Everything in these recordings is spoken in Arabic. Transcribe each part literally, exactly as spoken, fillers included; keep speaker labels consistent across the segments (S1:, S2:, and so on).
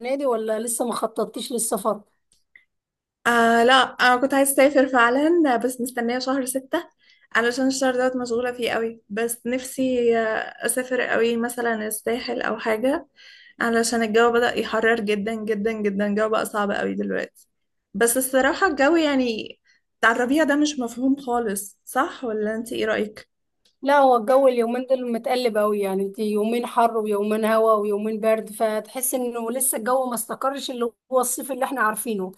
S1: نادي ولا لسه ما خططتيش للسفر؟
S2: آه، لا انا كنت عايزه اسافر فعلا، بس مستنيه شهر ستة علشان الشهر دوت مشغوله فيه قوي. بس نفسي آه، اسافر قوي، مثلا الساحل او حاجه، علشان الجو بدأ يحرر جدا جدا جدا. الجو بقى صعب قوي دلوقتي. بس الصراحه الجو يعني بتاع الربيع ده مش مفهوم خالص، صح ولا انت ايه رأيك؟
S1: لا، هو الجو اليومين دول متقلب قوي. يعني انت يومين حر ويومين هوا ويومين برد، فتحس انه لسه الجو ما استقرش، اللي هو الصيف اللي احنا عارفينه.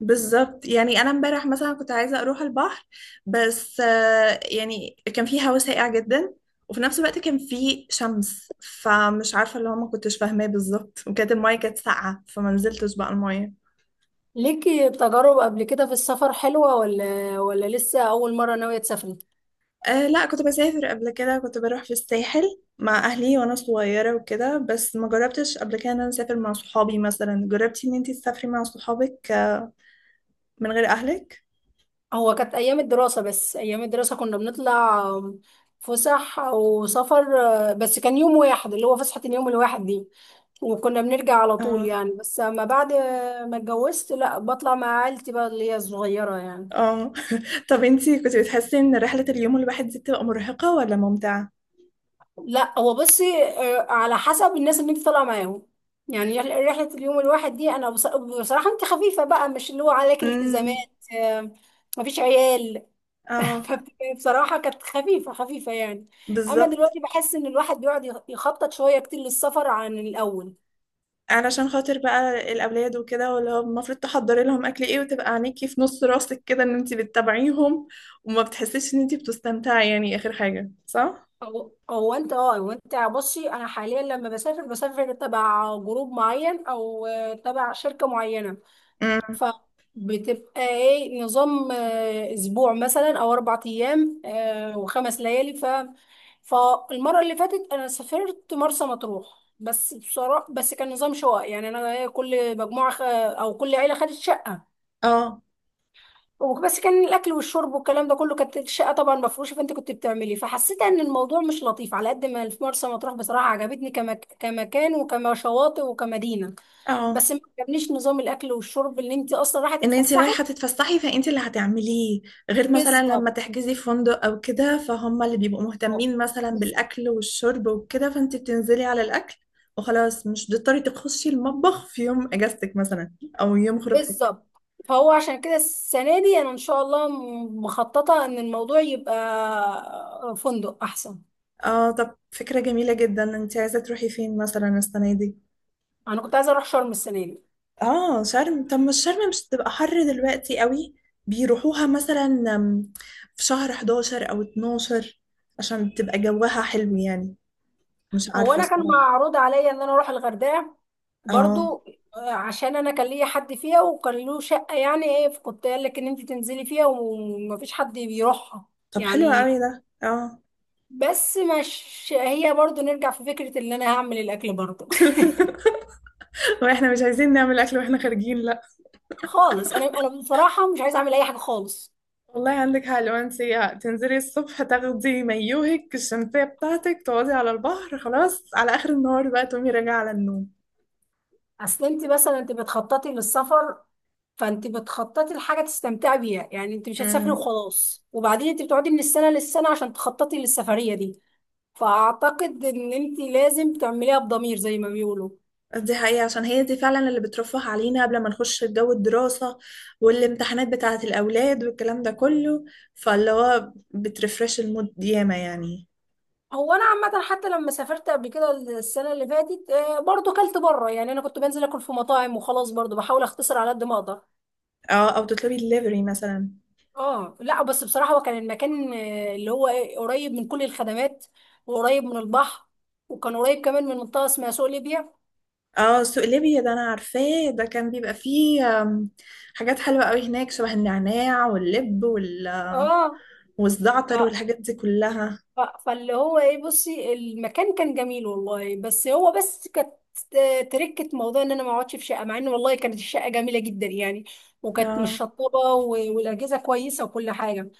S2: بالظبط. يعني انا امبارح مثلا كنت عايزه اروح البحر، بس آه، يعني كان في هوا ساقع جدا، وفي نفس الوقت كان في شمس. فمش عارفه اللي هو ما كنتش فاهماه بالظبط. وكانت المايه كانت ساقعه فما نزلتش بقى المايه.
S1: ليكي تجارب قبل كده في السفر حلوة ولا ولا لسه اول مرة ناوية تسافري؟
S2: أه لا، كنت بسافر قبل كده، كنت بروح في الساحل مع اهلي وانا صغيره وكده. بس ما جربتش قبل كده ان انا اسافر مع صحابي. مثلا جربتي ان انتي تسافري مع صحابك آه، من غير اهلك؟
S1: هو كانت ايام الدراسه، بس ايام الدراسه كنا بنطلع فسح او سفر، آه، بس كان يوم واحد، اللي هو فسحه اليوم الواحد دي، وكنا بنرجع على طول
S2: اه.
S1: يعني. بس اما بعد ما اتجوزت، لا، بطلع مع عيلتي بقى، اللي هي الصغيره يعني.
S2: اه. طب انتي كنت بتحسي ان رحله اليوم الواحد دي بتبقى مرهقه ولا ممتعه؟
S1: لا، هو بصي، آه، على حسب الناس اللي انت طالعه معاهم. يعني رحله رحلة اليوم الواحد دي، انا بص- بصراحه انت خفيفه بقى، مش اللي هو عليك التزامات،
S2: امم.
S1: آه، مفيش عيال.
S2: اه.
S1: فبصراحة كانت خفيفة خفيفة يعني. أما
S2: بالظبط.
S1: دلوقتي بحس إن الواحد بيقعد يخ- يخطط شوية كتير للسفر عن الأول.
S2: علشان خاطر بقى الاولاد وكده، واللي هو المفروض تحضري لهم اكل ايه، وتبقى عينيكي في نص راسك كده ان انت بتتابعيهم، وما بتحسيش ان انت بتستمتعي يعني، اخر حاجه، صح.
S1: هو هو أنت أه هو أنت بصي، أنا حاليا لما بسافر بسافر تبع جروب معين أو، آه، تبع شركة معينة.
S2: امم.
S1: فبتبقى ايه نظام، آه، اسبوع مثلا او اربع ايام، آه، وخمس ليالي. ف فالمره اللي فاتت انا سافرت مرسى مطروح. بس بصراحه بس كان نظام شقق، يعني انا إيه، كل مجموعه خ- او كل عيله خدت شقه.
S2: اه.
S1: وبس كان الاكل والشرب والكلام ده كله، كانت الشقه طبعا مفروشه، فانت كنت بتعملي، فحسيت ان الموضوع مش لطيف. على قد ما في مرسى مطروح بصراحه عجبتني، كمك... كمكان وكما شواطئ وكمدينه،
S2: اه.
S1: بس ما عجبنيش نظام الاكل والشرب، اللي انت اصلا رايحه
S2: ان انت
S1: تتفسحي.
S2: رايحه تتفسحي فانت اللي هتعمليه، غير مثلا لما
S1: بالظبط.
S2: تحجزي في فندق او كده فهم اللي بيبقوا
S1: اه.
S2: مهتمين مثلا
S1: بس-
S2: بالاكل والشرب وكده، فانت بتنزلي على الاكل، وخلاص مش بتضطري تخشي المطبخ في يوم اجازتك مثلا، او يوم خروجتك.
S1: بالظبط. فهو عشان كده السنة دي أنا إن شاء الله م- مخططة إن الموضوع يبقى فندق أحسن.
S2: اه، طب فكرة جميلة جدا. انت عايزة تروحي فين مثلا السنة دي؟
S1: أنا كنت عايزة أروح شرم السنة دي.
S2: اه شرم. طب مش شرم مش تبقى حر دلوقتي قوي؟ بيروحوها مثلا أم، في شهر احداشر او اتناشر عشان تبقى جوها حلو يعني. مش
S1: هو
S2: عارفة
S1: أنا كان
S2: الصراحة.
S1: معروض عليا إن أنا أروح الغردقة
S2: اه.
S1: برضو، آه، عشان أنا كان ليا حد فيها وكان له شقة، يعني إيه فكنت قال لك إن أنت تنزلي فيها ومفيش حد بيروحها
S2: طب حلو قوي
S1: يعني.
S2: ده، اه.
S1: بس مش هي، برضو نرجع في فكرة إن أنا هعمل الأكل برضو.
S2: واحنا مش عايزين نعمل اكل واحنا خارجين، لا.
S1: خالص، أنا أنا بصراحة مش عايزة أعمل أي حاجة خالص.
S2: والله عندك حق. لو انت تنزلي الصبح تاخدي مايوهك الشمسية بتاعتك، تقعدي على البحر خلاص على اخر النهار، بقى تقومي راجعة على النوم.
S1: اصل انت مثلا انت بتخططي للسفر، فانت بتخططي لحاجه تستمتعي بيها. يعني انت مش هتسافري
S2: امم.
S1: وخلاص، وبعدين انت بتقعدي من السنه للسنه عشان تخططي للسفريه دي. فاعتقد ان انت لازم تعمليها بضمير زي ما بيقولوا.
S2: دي حقيقة، عشان هي دي فعلا اللي بترفه علينا قبل ما نخش في جو الدراسة والامتحانات بتاعة الأولاد والكلام ده كله. فاللي هو بترفرش المود ياما يعني.
S1: هو انا عامه حتى لما سافرت قبل كده السنه اللي فاتت، آه، برضو كلت بره. يعني انا كنت بنزل اكل في مطاعم وخلاص، برضو بحاول اختصر على قد ما اقدر.
S2: اه، أو تطلبي الليفري مثلا.
S1: اه، لا بس بصراحه هو كان المكان، آه، اللي هو إيه، قريب من كل الخدمات، وقريب من البحر، وكان قريب كمان من منطقه اسمها سوق ليبيا.
S2: اه، سوق ليبيا ده أنا عارفاه. ده كان بيبقى فيه آم، حاجات حلوة قوي هناك، شبه النعناع واللب وال...
S1: اه. ف...
S2: والزعتر والحاجات دي كلها.
S1: ف... فاللي هو ايه بصي، المكان كان جميل والله. بس هو بس كانت تركة موضوع ان انا ما اقعدش في شقه، مع ان والله كانت الشقه جميله جدا يعني، وكانت
S2: اه.
S1: مشطبه، و- والاجهزه كويسه وكل حاجه.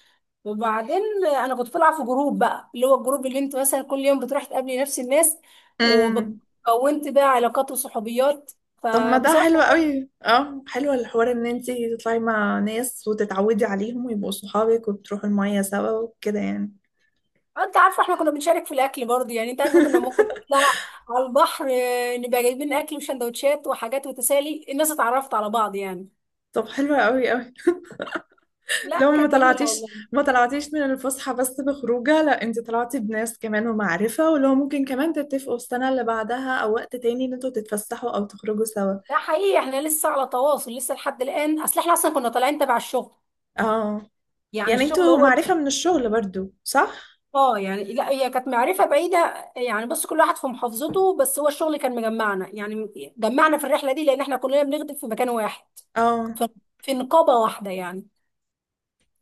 S1: وبعدين انا كنت بلعب في جروب بقى، اللي هو الجروب اللي انت مثلا كل يوم بتروح تقابلي نفس الناس،
S2: أمم.
S1: وكونت بقى علاقات وصحوبيات.
S2: طب ما ده
S1: فبصراحه،
S2: حلو قوي، اه. حلو الحوار ان انتي تطلعي مع ناس وتتعودي عليهم ويبقوا صحابك، وبتروحوا المية سوا وكده يعني.
S1: آه، انت عارفه احنا كنا بنشارك في الاكل برضه. يعني انت عارفه كنا ممكن نطلع على البحر، آه، نبقى جايبين اكل وسندوتشات وحاجات، وتسالي، الناس اتعرفت على بعض يعني.
S2: طب حلو قوي قوي.
S1: لا
S2: لو ما
S1: كانت جميله
S2: طلعتيش
S1: والله.
S2: ما طلعتيش من الفسحة بس بخروجة، لا انتي طلعتي بناس كمان ومعرفة، ولو ممكن كمان تتفقوا السنة اللي بعدها او وقت تاني ان انتوا تتفسحوا او تخرجوا سوا.
S1: ده حقيقي، احنا لسه على تواصل لسه لحد الان. اصل احنا اصلا كنا طالعين تبع الشغل
S2: اه،
S1: يعني،
S2: يعني
S1: الشغل
S2: انتوا
S1: هو ال-
S2: معرفة من الشغل برضو، صح؟
S1: اه، يعني لا، هي كانت معرفه بعيده يعني، بس كل واحد في محافظته، بس هو الشغل كان مجمعنا يعني، جمعنا في الرحله دي لان احنا كلنا بنخدم في مكان واحد،
S2: اه.
S1: ف- في نقابه واحده يعني.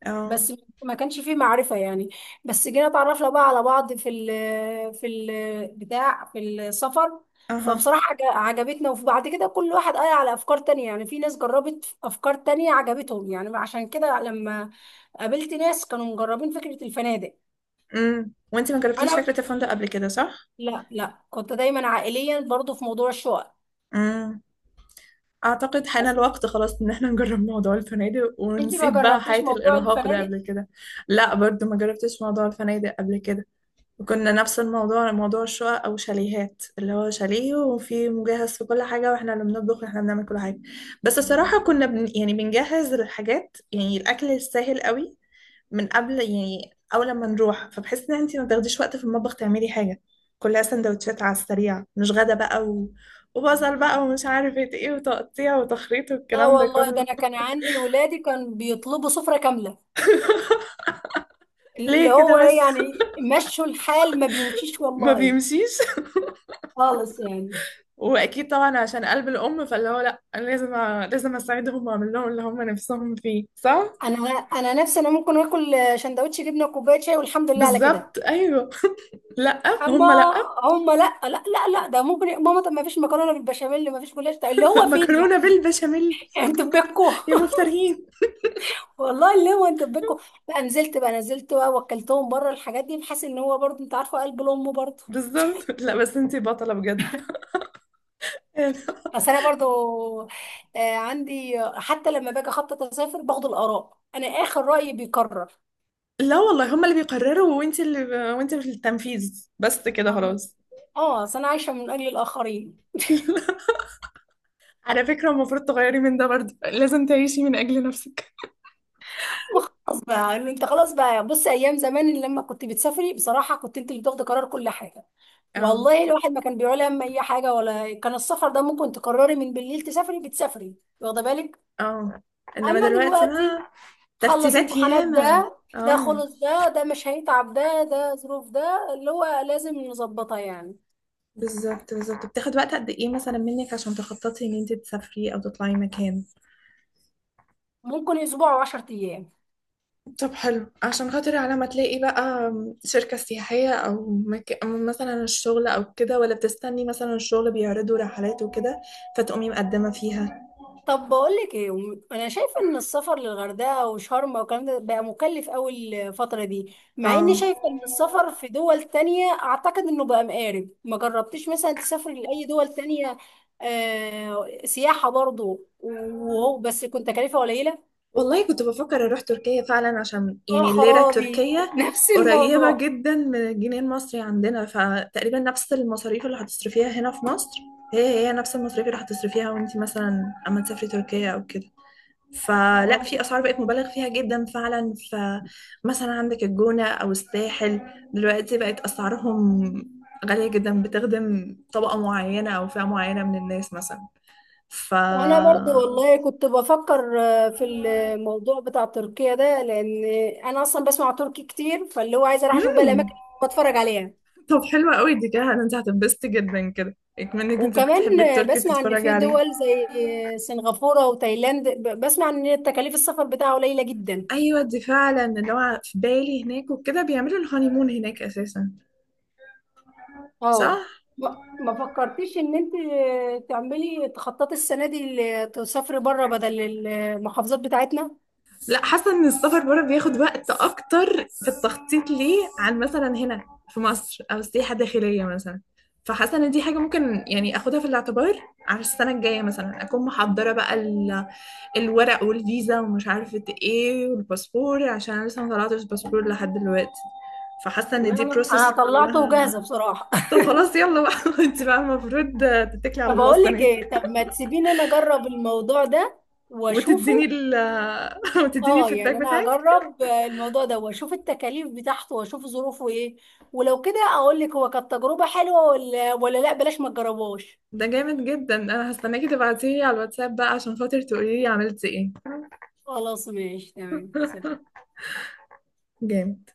S2: اه.
S1: بس ما كانش فيه معرفة يعني. بس جينا اتعرفنا بقى على بعض في ال في ال بتاع في السفر.
S2: اها.
S1: فبصراحة عج- عجبتنا، وفي بعد كده كل واحد قال على أفكار تانية. يعني في ناس جربت أفكار تانية عجبتهم يعني، عشان كده لما قابلت ناس كانوا مجربين فكرة الفنادق.
S2: امم، وانتي ما جربتيش
S1: أنا
S2: فكرة الفندق قبل كده، صح؟
S1: لا، لا، كنت دايما عائليا برضو في موضوع الشقق.
S2: مم. أعتقد حان
S1: بس
S2: الوقت خلاص إن احنا نجرب موضوع الفنادق،
S1: انت ما
S2: ونسيب بقى
S1: جربتيش
S2: حياة
S1: موضوع
S2: الإرهاق ده
S1: الفنادق؟
S2: قبل كده. لا، برضو ما جربتش موضوع الفنادق قبل كده، وكنا نفس الموضوع، موضوع الشقق أو شاليهات، اللي هو شاليه وفي مجهز في كل حاجة، واحنا اللي بنطبخ واحنا بنعمل كل حاجة. بس الصراحة كنا بن، يعني بنجهز الحاجات، يعني الأكل السهل قوي من قبل، يعني أول لما نروح. فبحس إن أنتي ما بتاخديش وقت في المطبخ تعملي حاجة، كلها سندوتشات على السريع، مش غدا بقى و... وبصل بقى ومش عارفة ايه، وتقطيع وتخريط
S1: لا
S2: والكلام ده
S1: والله، ده
S2: كله.
S1: أنا كان عندي ولادي كان بيطلبوا سفرة كاملة. اللي
S2: ليه
S1: هو
S2: كده
S1: ايه
S2: بس؟
S1: يعني مشوا الحال؟ ما بيمشيش
S2: ما
S1: والله
S2: بيمشيش.
S1: خالص يعني.
S2: واكيد طبعا عشان قلب الام، فاللي هو لا انا لازم أ... لازم اساعدهم واعمل لهم اللي هم نفسهم فيه، صح.
S1: انا انا نفسي، انا ممكن اكل شندوتش جبنه وكوبايه شاي والحمد لله على كده.
S2: بالظبط، ايوه. لا.
S1: اما
S2: هم لا.
S1: هم لا، لا، لا، لا، ده ممكن يا ماما طب ما فيش مكرونه بالبشاميل؟ ما فيش جلاش؟ طب اللي هو فين
S2: مكرونه
S1: يعني؟
S2: بالبشاميل،
S1: يعني انتوا بكوا
S2: يا مفترين.
S1: والله اللي هو انتوا بكوا. بقى نزلت بقى نزلت بقى واكلتهم بره الحاجات دي. بحس ان هو برضه، انت عارفه قلب الام برضه.
S2: بالظبط. لا بس انتي بطله بجد.
S1: بس انا برضه، آه، عندي حتى لما باجي اخطط اسافر باخد الاراء، انا اخر رايي بيكرر.
S2: لا والله هما اللي بيقرروا وانت اللي ب... وانت في التنفيذ بس كده خلاص.
S1: اه، اصل انا عايشه من اجل الاخرين.
S2: على فكرة المفروض تغيري من ده برضه، لازم تعيشي من أجل نفسك.
S1: خلاص بقى، إن انت خلاص بقى بص ايام زمان لما كنت بتسافري بصراحه كنت انت اللي بتاخدي قرار كل حاجه.
S2: اه.
S1: والله الواحد ما كان بيقول هم اي حاجه، ولا كان السفر ده ممكن تقرري من بالليل تسافري بتسافري، واخده بالك.
S2: اه. انما
S1: اما
S2: دلوقتي ما.
S1: دلوقتي، خلص
S2: ترتيبات
S1: امتحانات
S2: ياما.
S1: ده ده
S2: اه.
S1: خلص، ده ده مش هيتعب، ده ده ظروف ده اللي هو لازم نظبطها يعني.
S2: بالظبط بالظبط. بتاخد وقت قد ايه مثلا منك عشان تخططي ان انت تسافري او تطلعي مكان؟
S1: ممكن اسبوع وعشر ايام.
S2: طب حلو، عشان خاطر على ما تلاقي بقى شركة سياحية، او مك... أو مثلا الشغل او كده، ولا بتستني مثلا الشغل بيعرضوا رحلات وكده فتقومي مقدمة فيها.
S1: طب بقولك ايه، وم- انا شايفه ان السفر للغردقه وشرم والكلام ده بقى مكلف قوي الفتره دي، مع اني
S2: اه،
S1: شايفه ان السفر في دول تانية اعتقد انه بقى مقارب. ما جربتيش مثلا تسافري لاي دول تانية، آه سياحه برضو، وهو بس كنت تكلفه قليله؟
S2: والله كنت بفكر اروح تركيا فعلا، عشان
S1: اه
S2: يعني الليرة
S1: خرابي
S2: التركية
S1: نفس
S2: قريبة
S1: الموضوع.
S2: جدا من الجنيه المصري عندنا، فتقريبا نفس المصاريف اللي هتصرفيها هنا في مصر، هي هي نفس المصاريف اللي هتصرفيها وانت مثلا اما تسافري تركيا او كده. فلا،
S1: و-
S2: في اسعار بقت مبالغ فيها جدا فعلا، فمثلا عندك الجونة او الساحل دلوقتي بقت اسعارهم غالية جدا، بتخدم طبقة معينة او فئة معينة من الناس مثلا. ف.
S1: وانا برضو والله كنت بفكر، آه، في الموضوع بتاع تركيا ده، لان انا اصلا بسمع تركي كتير، فاللي هو عايزه اروح اشوف بقى
S2: مم.
S1: الاماكن واتفرج عليها.
S2: طب حلوة قوي دي كده، انت هتنبسطي جدا كده، اكمنك انت
S1: وكمان
S2: بتحبي التركي
S1: بسمع ان
S2: بتتفرجي
S1: في
S2: عليه.
S1: دول زي سنغافورة وتايلاند، ب- بسمع ان تكاليف السفر بتاعها قليلة جدا.
S2: ايوه، دي فعلا اللي هو في بالي، هناك وكده بيعملوا الهانيمون هناك اساسا، صح.
S1: اه، ما ما فكرتيش ان انت تعملي تخططي السنة دي، ل- تسافري بره بدل المحافظات بتاعتنا؟
S2: لا، حاسه ان السفر بره بياخد وقت اكتر في التخطيط ليه، عن مثلا هنا في مصر او السياحه الداخليه مثلا. فحاسه ان دي حاجه ممكن يعني اخدها في الاعتبار على السنه الجايه مثلا، اكون محضره بقى ال... الورق والفيزا ومش عارفه ايه والباسبور، عشان أنا لسه ما طلعتش باسبور لحد دلوقتي. فحاسه ان
S1: لا،
S2: دي
S1: لا، انا
S2: بروسس
S1: طلعته وجاهزة
S2: كلها.
S1: بصراحة.
S2: طب خلاص يلا بقى. انت بقى المفروض تتكلي على
S1: طب
S2: الله
S1: اقول لك
S2: السنه دي.
S1: ايه؟ طب ما تسيبيني انا اجرب الموضوع ده
S2: وتديني
S1: واشوفه.
S2: ال. وتديني
S1: اه،
S2: الفيدباك
S1: يعني انا
S2: بتاعك.
S1: هجرب الموضوع ده واشوف التكاليف بتاعته واشوف ظروفه ايه، ولو كده اقول لك هو كانت تجربة حلوة ولا ولا لا بلاش ما تجربوش.
S2: ده جامد جدا، انا هستناكي تبعتيلي على الواتساب بقى عشان خاطر تقولي لي عملتي ايه.
S1: خلاص، ماشي، تمام، سلام.
S2: جامد.